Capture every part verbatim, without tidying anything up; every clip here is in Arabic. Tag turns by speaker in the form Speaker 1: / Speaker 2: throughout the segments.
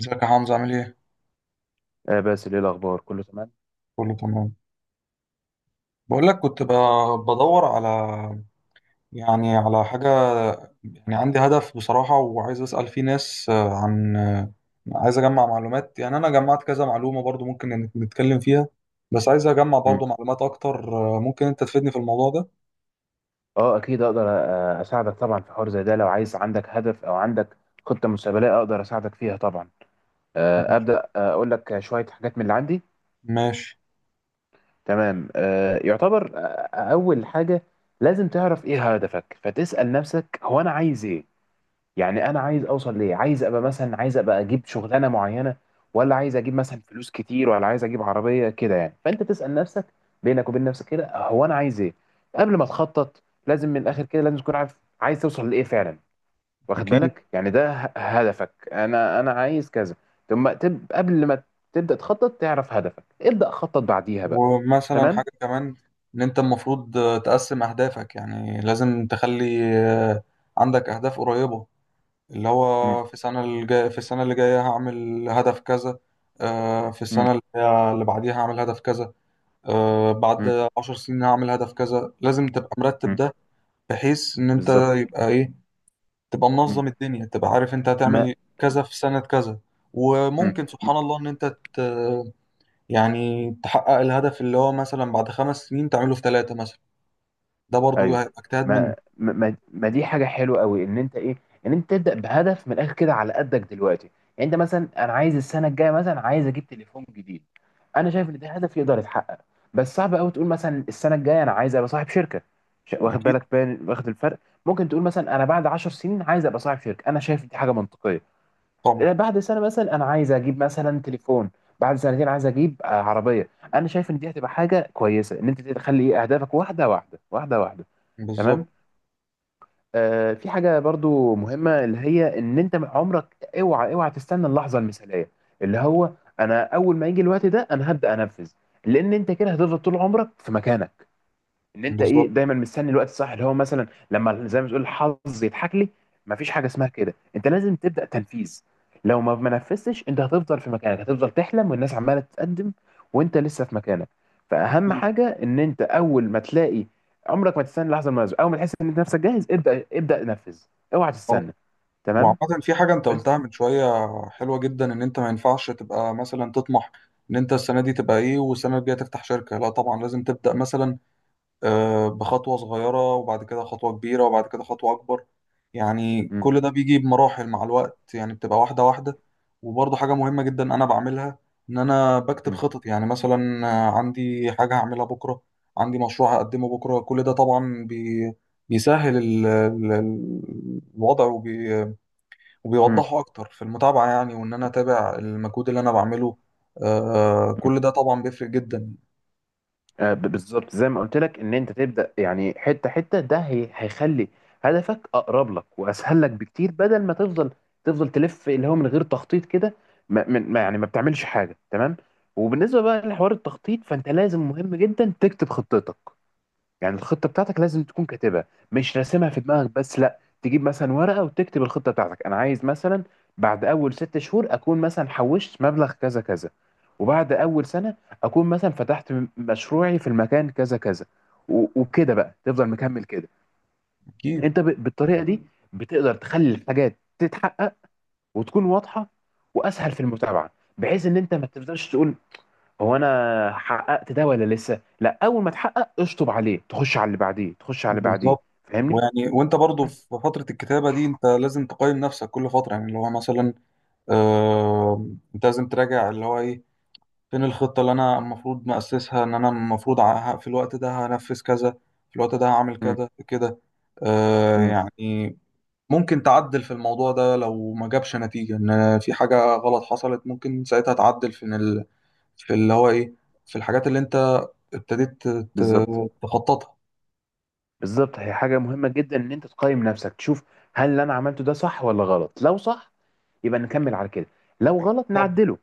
Speaker 1: ازيك يا حمزة؟ عامل ايه؟
Speaker 2: آه باسل، ايه الاخبار؟ كله تمام.
Speaker 1: كله تمام. بقول لك كنت ب- بدور على يعني على حاجة. يعني عندي هدف بصراحة، وعايز أسأل فيه ناس آه، عن آه، عايز أجمع معلومات. يعني أنا جمعت كذا معلومة برضو ممكن نت- نتكلم فيها، بس عايز أجمع
Speaker 2: مم.
Speaker 1: برضو معلومات أكتر. آه، ممكن أنت تفيدني في الموضوع ده؟
Speaker 2: اه اكيد اقدر، آه، اساعدك طبعا في حوار زي ده. لو عايز، عندك هدف او عندك خطه مستقبليه، اقدر اساعدك فيها طبعا. آه،
Speaker 1: ماشي.
Speaker 2: ابدا، آه، اقول لك شويه حاجات من اللي عندي.
Speaker 1: ماشي.
Speaker 2: تمام. آه، يعتبر آه، اول حاجه، لازم تعرف ايه هدفك. فتسال نفسك، هو انا عايز ايه؟ يعني انا عايز اوصل ليه؟ عايز ابقى مثلا، عايز ابقى اجيب شغلانه معينه؟ ولا عايز اجيب مثلا فلوس كتير؟ ولا عايز اجيب عربيه كده؟ يعني فانت تسال نفسك بينك وبين نفسك كده، هو انا عايز ايه. قبل ما تخطط لازم، من الاخر كده، لازم تكون عارف عايز توصل لايه فعلا، واخد
Speaker 1: أكيد.
Speaker 2: بالك؟ يعني ده ه- هدفك، انا انا عايز كذا. ثم تب... قبل ما تبدا تخطط تعرف هدفك، ابدا خطط بعديها بقى.
Speaker 1: ومثلا
Speaker 2: تمام.
Speaker 1: حاجة كمان، إن أنت المفروض آه، تقسم أهدافك. يعني لازم تخلي آه، عندك أهداف قريبة، اللي
Speaker 2: مم.
Speaker 1: هو في السنة الجاية في السنة اللي جاية هعمل هدف كذا. آه، في
Speaker 2: مم.
Speaker 1: السنة اللي هي- اللي بعديها هعمل هدف كذا. آه،
Speaker 2: مم.
Speaker 1: بعد عشر سنين هعمل هدف كذا. لازم تبقى مرتب
Speaker 2: مم.
Speaker 1: ده بحيث إن أنت
Speaker 2: بالظبط.
Speaker 1: يبقى إيه تبقى
Speaker 2: مم.
Speaker 1: منظم الدنيا، تبقى عارف أنت
Speaker 2: ما
Speaker 1: هتعمل كذا في سنة كذا.
Speaker 2: مم.
Speaker 1: وممكن سبحان الله إن أنت ت- يعني تحقق الهدف اللي هو مثلا بعد خمس سنين تعمله في ثلاثة مثلا، ده برضو
Speaker 2: ايوه.
Speaker 1: هيبقى اجتهاد
Speaker 2: ما
Speaker 1: منك.
Speaker 2: ما ما ما دي حاجه حلوه قوي، ان انت ايه، ان انت تبدا بهدف من الاخر كده على قدك دلوقتي. يعني انت مثلا، انا عايز السنه الجايه مثلا عايز اجيب تليفون جديد، انا شايف ان ده هدف يقدر يتحقق. بس صعب قوي تقول مثلا السنه الجايه انا عايز ابقى صاحب شركه. ش- واخد
Speaker 1: أكيد.
Speaker 2: بالك بين واخد الفرق. ممكن تقول مثلا انا بعد 10 سنين عايز ابقى صاحب شركه، انا شايف دي حاجه منطقيه.
Speaker 1: طبعا.
Speaker 2: بعد سنة مثلا أنا عايز أجيب مثلا تليفون، بعد سنتين عايز أجيب آه، عربية. أنا شايف إن دي هتبقى حاجة كويسة، إن أنت تخلي إيه أهدافك واحدة واحدة واحدة واحدة. تمام.
Speaker 1: بالظبط.
Speaker 2: آه، في حاجة برضو مهمة اللي هي إن أنت عمرك أوعى أوعى تستنى اللحظة المثالية، اللي هو أنا أول ما يجي الوقت ده أنا هبدأ أنفذ. لأن أنت كده هتفضل طول عمرك في مكانك، ان انت ايه
Speaker 1: بالظبط.
Speaker 2: دايما مستني الوقت الصح، اللي هو مثلا لما، زي ما تقول، الحظ يضحك لي. مفيش حاجه اسمها كده، انت لازم تبدا تنفيذ. لو ما ما نفذتش انت هتفضل في مكانك، هتفضل تحلم والناس عماله تتقدم وانت لسه في مكانك. فاهم
Speaker 1: أكيد.
Speaker 2: حاجه؟ ان انت اول ما تلاقي، عمرك ما تستنى اللحظه المناسبه، اول ما تحس ان انت نفسك جاهز ابدا، ابدا نفذ، اوعى تستنى. تمام.
Speaker 1: وعامة في حاجة انت
Speaker 2: بس.
Speaker 1: قلتها من شوية حلوة جدا، ان انت ما ينفعش تبقى مثلا تطمح ان انت السنة دي تبقى ايه، والسنة الجاية تفتح شركة. لا طبعا، لازم تبدأ مثلا آه، بخطوة صغيرة، وبعد كده خطوة كبيرة، وبعد كده خطوة اكبر. يعني
Speaker 2: مم.
Speaker 1: كل ده بيجي بمراحل مع الوقت، يعني بتبقى واحدة واحدة. وبرضه حاجة مهمة جدا انا بعملها، ان انا بكتب
Speaker 2: مم.
Speaker 1: خطط. يعني مثلا آه، عندي حاجة هعملها بكرة، عندي مشروع هقدمه بكرة. كل ده طبعا بي بيسهل ال- ال- ال- الوضع، وبي
Speaker 2: مم.
Speaker 1: وبيوضحوا اكتر في المتابعه، يعني وان انا اتابع المجهود اللي انا بعمله. آه
Speaker 2: مم.
Speaker 1: كل ده طبعا بيفرق جدا.
Speaker 2: آه، ب- بالظبط زي ما قلت لك، ان انت تبدا يعني حته حته، ده هي- هيخلي هدفك اقرب لك واسهل لك بكتير، بدل ما تفضل تفضل تلف اللي هو من غير تخطيط كده، ما من- ما- يعني ما بتعملش حاجه. تمام. وبالنسبه بقى لحوار التخطيط، فانت لازم، مهم جدا، تكتب خطتك. يعني الخطة بتاعتك لازم تكون كاتبها، مش راسمها في دماغك بس. لا، تجيب مثلا ورقة وتكتب الخطة بتاعتك، أنا عايز مثلا بعد أول ست شهور أكون مثلا حوشت مبلغ كذا كذا، وبعد أول سنة أكون مثلا فتحت م- مشروعي في المكان كذا كذا. و- وكده بقى تفضل مكمل كده.
Speaker 1: اكيد.
Speaker 2: أنت ب- بالطريقة دي بتقدر تخلي الحاجات تتحقق، وتكون واضحة، وأسهل في المتابعة، بحيث إن أنت ما تفضلش تقول هو انا حققت ده ولا لسه. لا، اول ما تحقق اشطب عليه، تخش على اللي بعديه، تخش على اللي بعديه،
Speaker 1: بالظبط.
Speaker 2: فاهمني.
Speaker 1: ويعني وانت برضو
Speaker 2: بس.
Speaker 1: في فتره الكتابه دي انت لازم تقيم نفسك كل فتره. يعني اللي هو مثلا آه انت لازم تراجع اللي هو ايه، فين الخطه اللي انا المفروض مؤسسها، ان انا المفروض ع- في الوقت ده هنفذ كذا، في الوقت ده هعمل
Speaker 2: امم.
Speaker 1: كذا كده. آه
Speaker 2: امم.
Speaker 1: يعني ممكن تعدل في الموضوع ده لو ما جابش نتيجة. إن في حاجة غلط حصلت ممكن ساعتها تعدل في في اللي هو ايه، في الحاجات اللي انت ابتديت ت-
Speaker 2: بالظبط.
Speaker 1: تخططها.
Speaker 2: بالظبط، هي حاجه مهمه جدا ان انت تقيم نفسك، تشوف هل اللي انا عملته ده صح ولا غلط. لو صح يبقى نكمل على كده، لو غلط
Speaker 1: طب
Speaker 2: نعدله.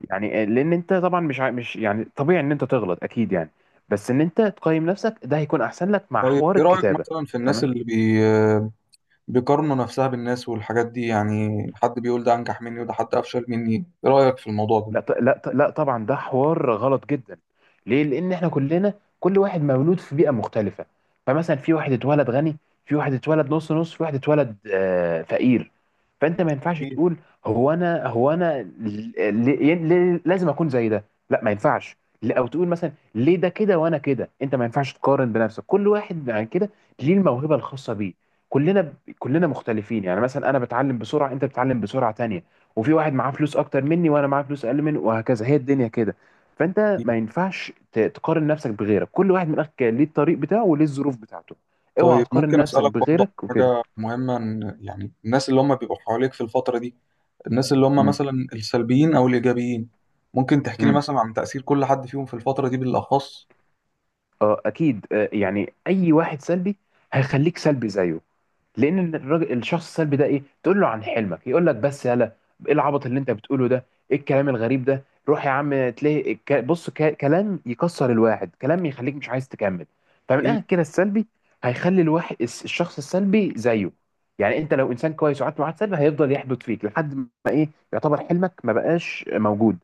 Speaker 2: يعني آه، لان انت طبعا مش عا- مش يعني طبيعي ان انت تغلط اكيد يعني، بس ان انت تقيم نفسك ده هيكون احسن لك مع
Speaker 1: طيب
Speaker 2: حوار
Speaker 1: ايه رأيك
Speaker 2: الكتابه.
Speaker 1: مثلا في الناس
Speaker 2: تمام.
Speaker 1: اللي بي بيقارنوا نفسها بالناس والحاجات دي، يعني حد بيقول ده انجح مني وده حد افشل مني، ايه رأيك في الموضوع ده؟
Speaker 2: لا ط- لا ط- لا طبعا، ده حوار غلط جدا. ليه؟ لان احنا كلنا، كل واحد مولود في بيئه مختلفه. فمثلا في واحد اتولد غني، في واحد اتولد نص نص، في واحد اتولد آه، فقير. فانت ما ينفعش
Speaker 1: أكيد.
Speaker 2: تقول هو انا، هو انا ل- ل- ل- لازم اكون زي ده. لا، ما ينفعش. ل- او تقول مثلا ليه ده كده وانا كده. انت ما ينفعش تقارن بنفسك، كل واحد عن كده ليه الموهبه الخاصه بيه. كلنا كلنا مختلفين. يعني مثلا انا بتعلم بسرعه، انت بتتعلم بسرعه تانية، وفي واحد معاه فلوس اكتر مني، وانا معاه فلوس اقل منه، وهكذا. هي الدنيا كده. فانت
Speaker 1: أكيد.
Speaker 2: ما ينفعش ت- تقارن نفسك بغيرك، كل واحد من اخك ليه الطريق بتاعه وليه الظروف بتاعته. اوعى
Speaker 1: طيب
Speaker 2: تقارن
Speaker 1: ممكن
Speaker 2: نفسك
Speaker 1: اسالك برضه
Speaker 2: بغيرك
Speaker 1: عن
Speaker 2: وكده.
Speaker 1: حاجه مهمه، إن يعني الناس اللي هم بيبقوا حواليك في الفتره دي، الناس اللي هم
Speaker 2: امم.
Speaker 1: مثلا السلبيين او الايجابيين، ممكن تحكي لي
Speaker 2: امم.
Speaker 1: مثلا عن تاثير كل حد فيهم في الفتره دي بالاخص؟
Speaker 2: اه اكيد. آه، يعني اي واحد سلبي هيخليك سلبي زيه. لان الراجل، الشخص السلبي ده، ايه؟ تقول له عن حلمك يقول لك بس يلا، ايه العبط اللي انت بتقوله ده، ايه الكلام الغريب ده، روح يا عم. تلاقي ك- بص ك- كلام يكسر الواحد، كلام يخليك مش عايز تكمل. فمن
Speaker 1: اكيد.
Speaker 2: الاخر كده السلبي هيخلي الواحد الس- الشخص السلبي زيه. يعني انت لو انسان كويس وقعدت مع واحد سلبي، هيفضل يحبط فيك لحد ما ايه، يعتبر حلمك ما بقاش موجود.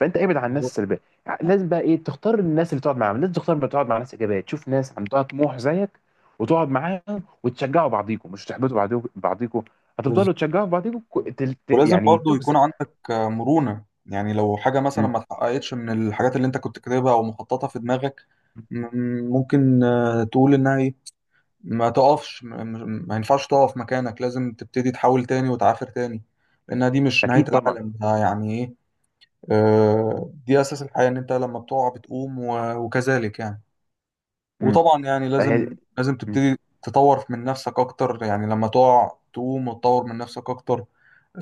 Speaker 2: فانت ابعد عن الناس
Speaker 1: بالظبط.
Speaker 2: السلبيه. لازم بقى ايه، تختار الناس اللي تقعد معاهم. لازم تختار ما تقعد مع ناس ايجابيه، تشوف ناس عندها طموح زيك وتقعد معاهم، وتشجعوا بعضيكم مش تحبطوا بعضيكم بعضيكم. هتفضلوا تشجعوا بعضيكم، ك- تل- ت-
Speaker 1: ولازم
Speaker 2: يعني
Speaker 1: برضو يكون
Speaker 2: تجزأ.
Speaker 1: عندك آه، مرونة، يعني لو حاجة مثلا
Speaker 2: مم.
Speaker 1: ما اتحققتش من الحاجات اللي انت كنت كاتبها او مخططها في دماغك، م- ممكن آه، تقول انها ايه، ما تقفش، م- م- ما ينفعش تقف مكانك، لازم تبتدي تحاول تاني وتعافر تاني، لانها دي مش نهاية
Speaker 2: اكيد طبعا.
Speaker 1: العالم. ده يعني ايه، آه، دي اساس الحياة، ان انت لما بتقع بتقوم و- وكذلك يعني.
Speaker 2: مم.
Speaker 1: وطبعا يعني
Speaker 2: أهي-
Speaker 1: لازم لازم
Speaker 2: مم.
Speaker 1: تبتدي تطور من نفسك اكتر، يعني لما تقع تقوم وتطور من نفسك اكتر.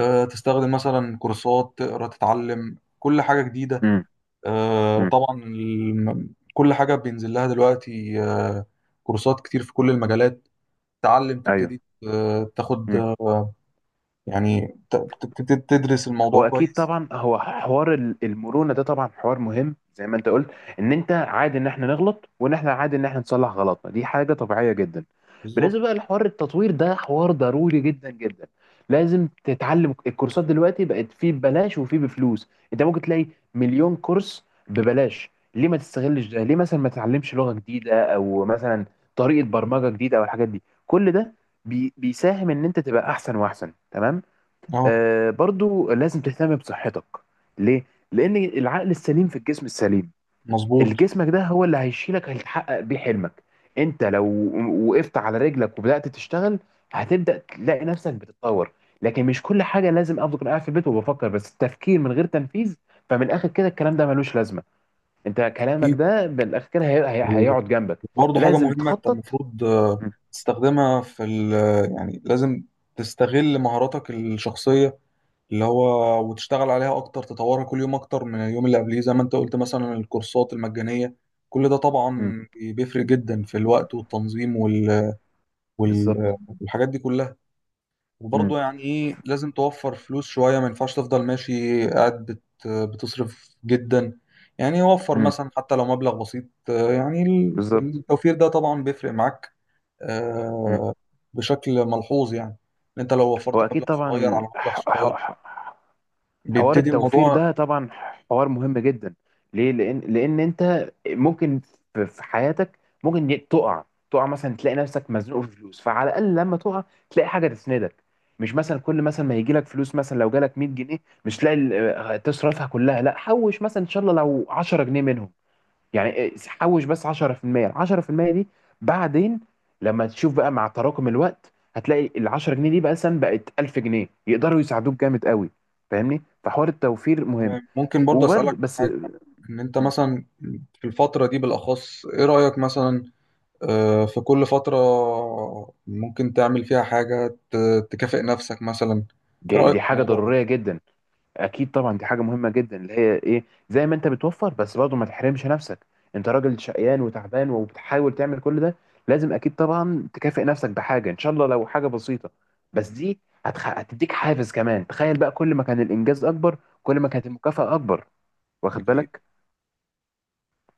Speaker 1: آه، تستخدم مثلا كورسات، تقرا، تتعلم كل حاجة جديدة.
Speaker 2: مم.
Speaker 1: آه،
Speaker 2: مم.
Speaker 1: طبعا الم- كل حاجة بينزل لها دلوقتي. آه، كورسات كتير في كل المجالات، تتعلم
Speaker 2: ايوه.
Speaker 1: تبتدي آه، تاخد
Speaker 2: مم.
Speaker 1: آه، يعني ت- ت- تبتدي تدرس الموضوع
Speaker 2: هو اكيد
Speaker 1: كويس.
Speaker 2: طبعا، هو حوار ال- المرونه ده طبعا حوار مهم زي ما انت قلت، ان انت عادي ان احنا نغلط، وان احنا عادي ان احنا نصلح غلطنا. دي حاجه طبيعيه جدا. بالنسبه
Speaker 1: بالظبط.
Speaker 2: بقى لحوار التطوير، ده حوار ضروري جدا جدا، لازم تتعلم. الكورسات دلوقتي بقت فيه ببلاش وفيه بفلوس، انت ممكن تلاقي مليون كورس ببلاش. ليه ما تستغلش ده؟ ليه مثلا ما تتعلمش لغه جديده، او مثلا طريقه برمجه جديده، او الحاجات دي؟ كل ده بي- بيساهم ان انت تبقى احسن واحسن. تمام.
Speaker 1: اه.
Speaker 2: آه، برضو لازم تهتم بصحتك. ليه؟ لأن العقل السليم في الجسم السليم.
Speaker 1: مظبوط.
Speaker 2: الجسمك ده هو اللي هيشيلك، هيتحقق بيه حلمك. انت لو وقفت على رجلك وبدأت تشتغل، هتبدأ تلاقي نفسك بتتطور. لكن مش كل حاجة، لازم أفضل قاعد في البيت وبفكر بس؟ التفكير من غير تنفيذ، فمن الآخر كده الكلام ده ملوش لازمة. انت كلامك ده من الآخر كده هي- هي-
Speaker 1: اكيد.
Speaker 2: هيقعد جنبك.
Speaker 1: برضه حاجة
Speaker 2: لازم
Speaker 1: مهمة أنت
Speaker 2: تخطط.
Speaker 1: المفروض آه،
Speaker 2: مم.
Speaker 1: تستخدمها في ال يعني لازم تستغل مهاراتك الشخصية اللي هو، وتشتغل عليها أكتر تطورها كل يوم أكتر من اليوم اللي قبليه، زي ما أنت قلت مثلا الكورسات المجانية. كل ده طبعا
Speaker 2: مم.
Speaker 1: بيفرق جدا في الوقت والتنظيم وال... وال...
Speaker 2: بالظبط.
Speaker 1: والحاجات دي كلها.
Speaker 2: مم.
Speaker 1: وبرضه يعني إيه لازم توفر فلوس شوية، ما ينفعش تفضل ماشي قاعد بت... بتصرف جدا. يعني وفر
Speaker 2: مم.
Speaker 1: مثلا حتى لو مبلغ بسيط. آه، يعني ال-
Speaker 2: بالظبط.
Speaker 1: التوفير ده طبعا بيفرق معاك
Speaker 2: مم.
Speaker 1: آه، بشكل ملحوظ، يعني إن انت لو وفرت
Speaker 2: هو اكيد
Speaker 1: مبلغ صغير
Speaker 2: طبعا،
Speaker 1: على مبلغ
Speaker 2: ح-
Speaker 1: صغير
Speaker 2: ح- ح- حوار
Speaker 1: بيبتدي
Speaker 2: التوفير
Speaker 1: الموضوع.
Speaker 2: ده طبعا حوار مهم جدا. ليه؟ لان لان انت ممكن في في حياتك ممكن ي- تقع. تقع مثلا تلاقي نفسك مزنوق في فلوس، فعلى الاقل لما تقع تلاقي حاجه تسندك. مش مثلا كل مثلا ما يجي لك فلوس، مثلا لو جالك مية جنيه، مش تلاقي ال- آه، تصرفها كلها. لا، حوش مثلا ان شاء الله لو عشرة جنيه منهم، يعني إيه، حوش بس عشرة في المية. ال عشرة في المئة دي بعدين لما تشوف بقى مع تراكم الوقت، هتلاقي ال عشر جنيه دي بقى مثلا بقت ألف جنيه، يقدروا يساعدوك جامد قوي، فاهمني؟ فحوار التوفير مهم.
Speaker 1: تمام. ممكن برضه
Speaker 2: وبرضه
Speaker 1: اسالك
Speaker 2: بس،
Speaker 1: حاجه، ان انت مثلا في الفتره دي بالاخص ايه رايك مثلا آه، في كل فتره ممكن تعمل فيها حاجه ت- تكافئ نفسك مثلا؟ ايه
Speaker 2: جاي-
Speaker 1: رايك
Speaker 2: دي
Speaker 1: في
Speaker 2: حاجة
Speaker 1: الموضوع ده؟
Speaker 2: ضرورية جدا. اكيد طبعا دي حاجه مهمه جدا، اللي هي ايه، زي ما انت بتوفر بس برضه ما تحرمش نفسك. انت راجل شقيان وتعبان وبتحاول تعمل كل ده، لازم اكيد طبعا تكافئ نفسك بحاجه، ان شاء الله لو حاجه بسيطه. بس دي هتخ... هتديك حافز كمان. تخيل بقى، كل ما كان الانجاز اكبر كل ما كانت المكافاه اكبر، واخد
Speaker 1: اكيد.
Speaker 2: بالك؟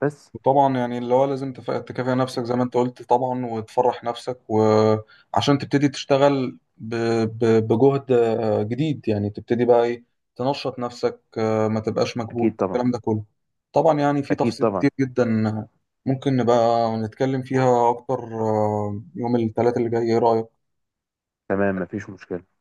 Speaker 2: بس.
Speaker 1: وطبعا يعني اللي هو لازم تف- تكافئ نفسك زي ما انت قلت طبعا، وتفرح نفسك، وعشان تبتدي تشتغل ب- ب- بجهد آه، جديد. يعني تبتدي بقى ايه، تنشط نفسك، آه، ما تبقاش
Speaker 2: اكيد
Speaker 1: مكبوت
Speaker 2: طبعا.
Speaker 1: الكلام ده كله. طبعا يعني في
Speaker 2: اكيد
Speaker 1: تفاصيل
Speaker 2: طبعا.
Speaker 1: كتير جدا ممكن نبقى نتكلم فيها اكتر آه، يوم الثلاث اللي جاي، ايه رأيك؟
Speaker 2: تمام، مفيش مشكله.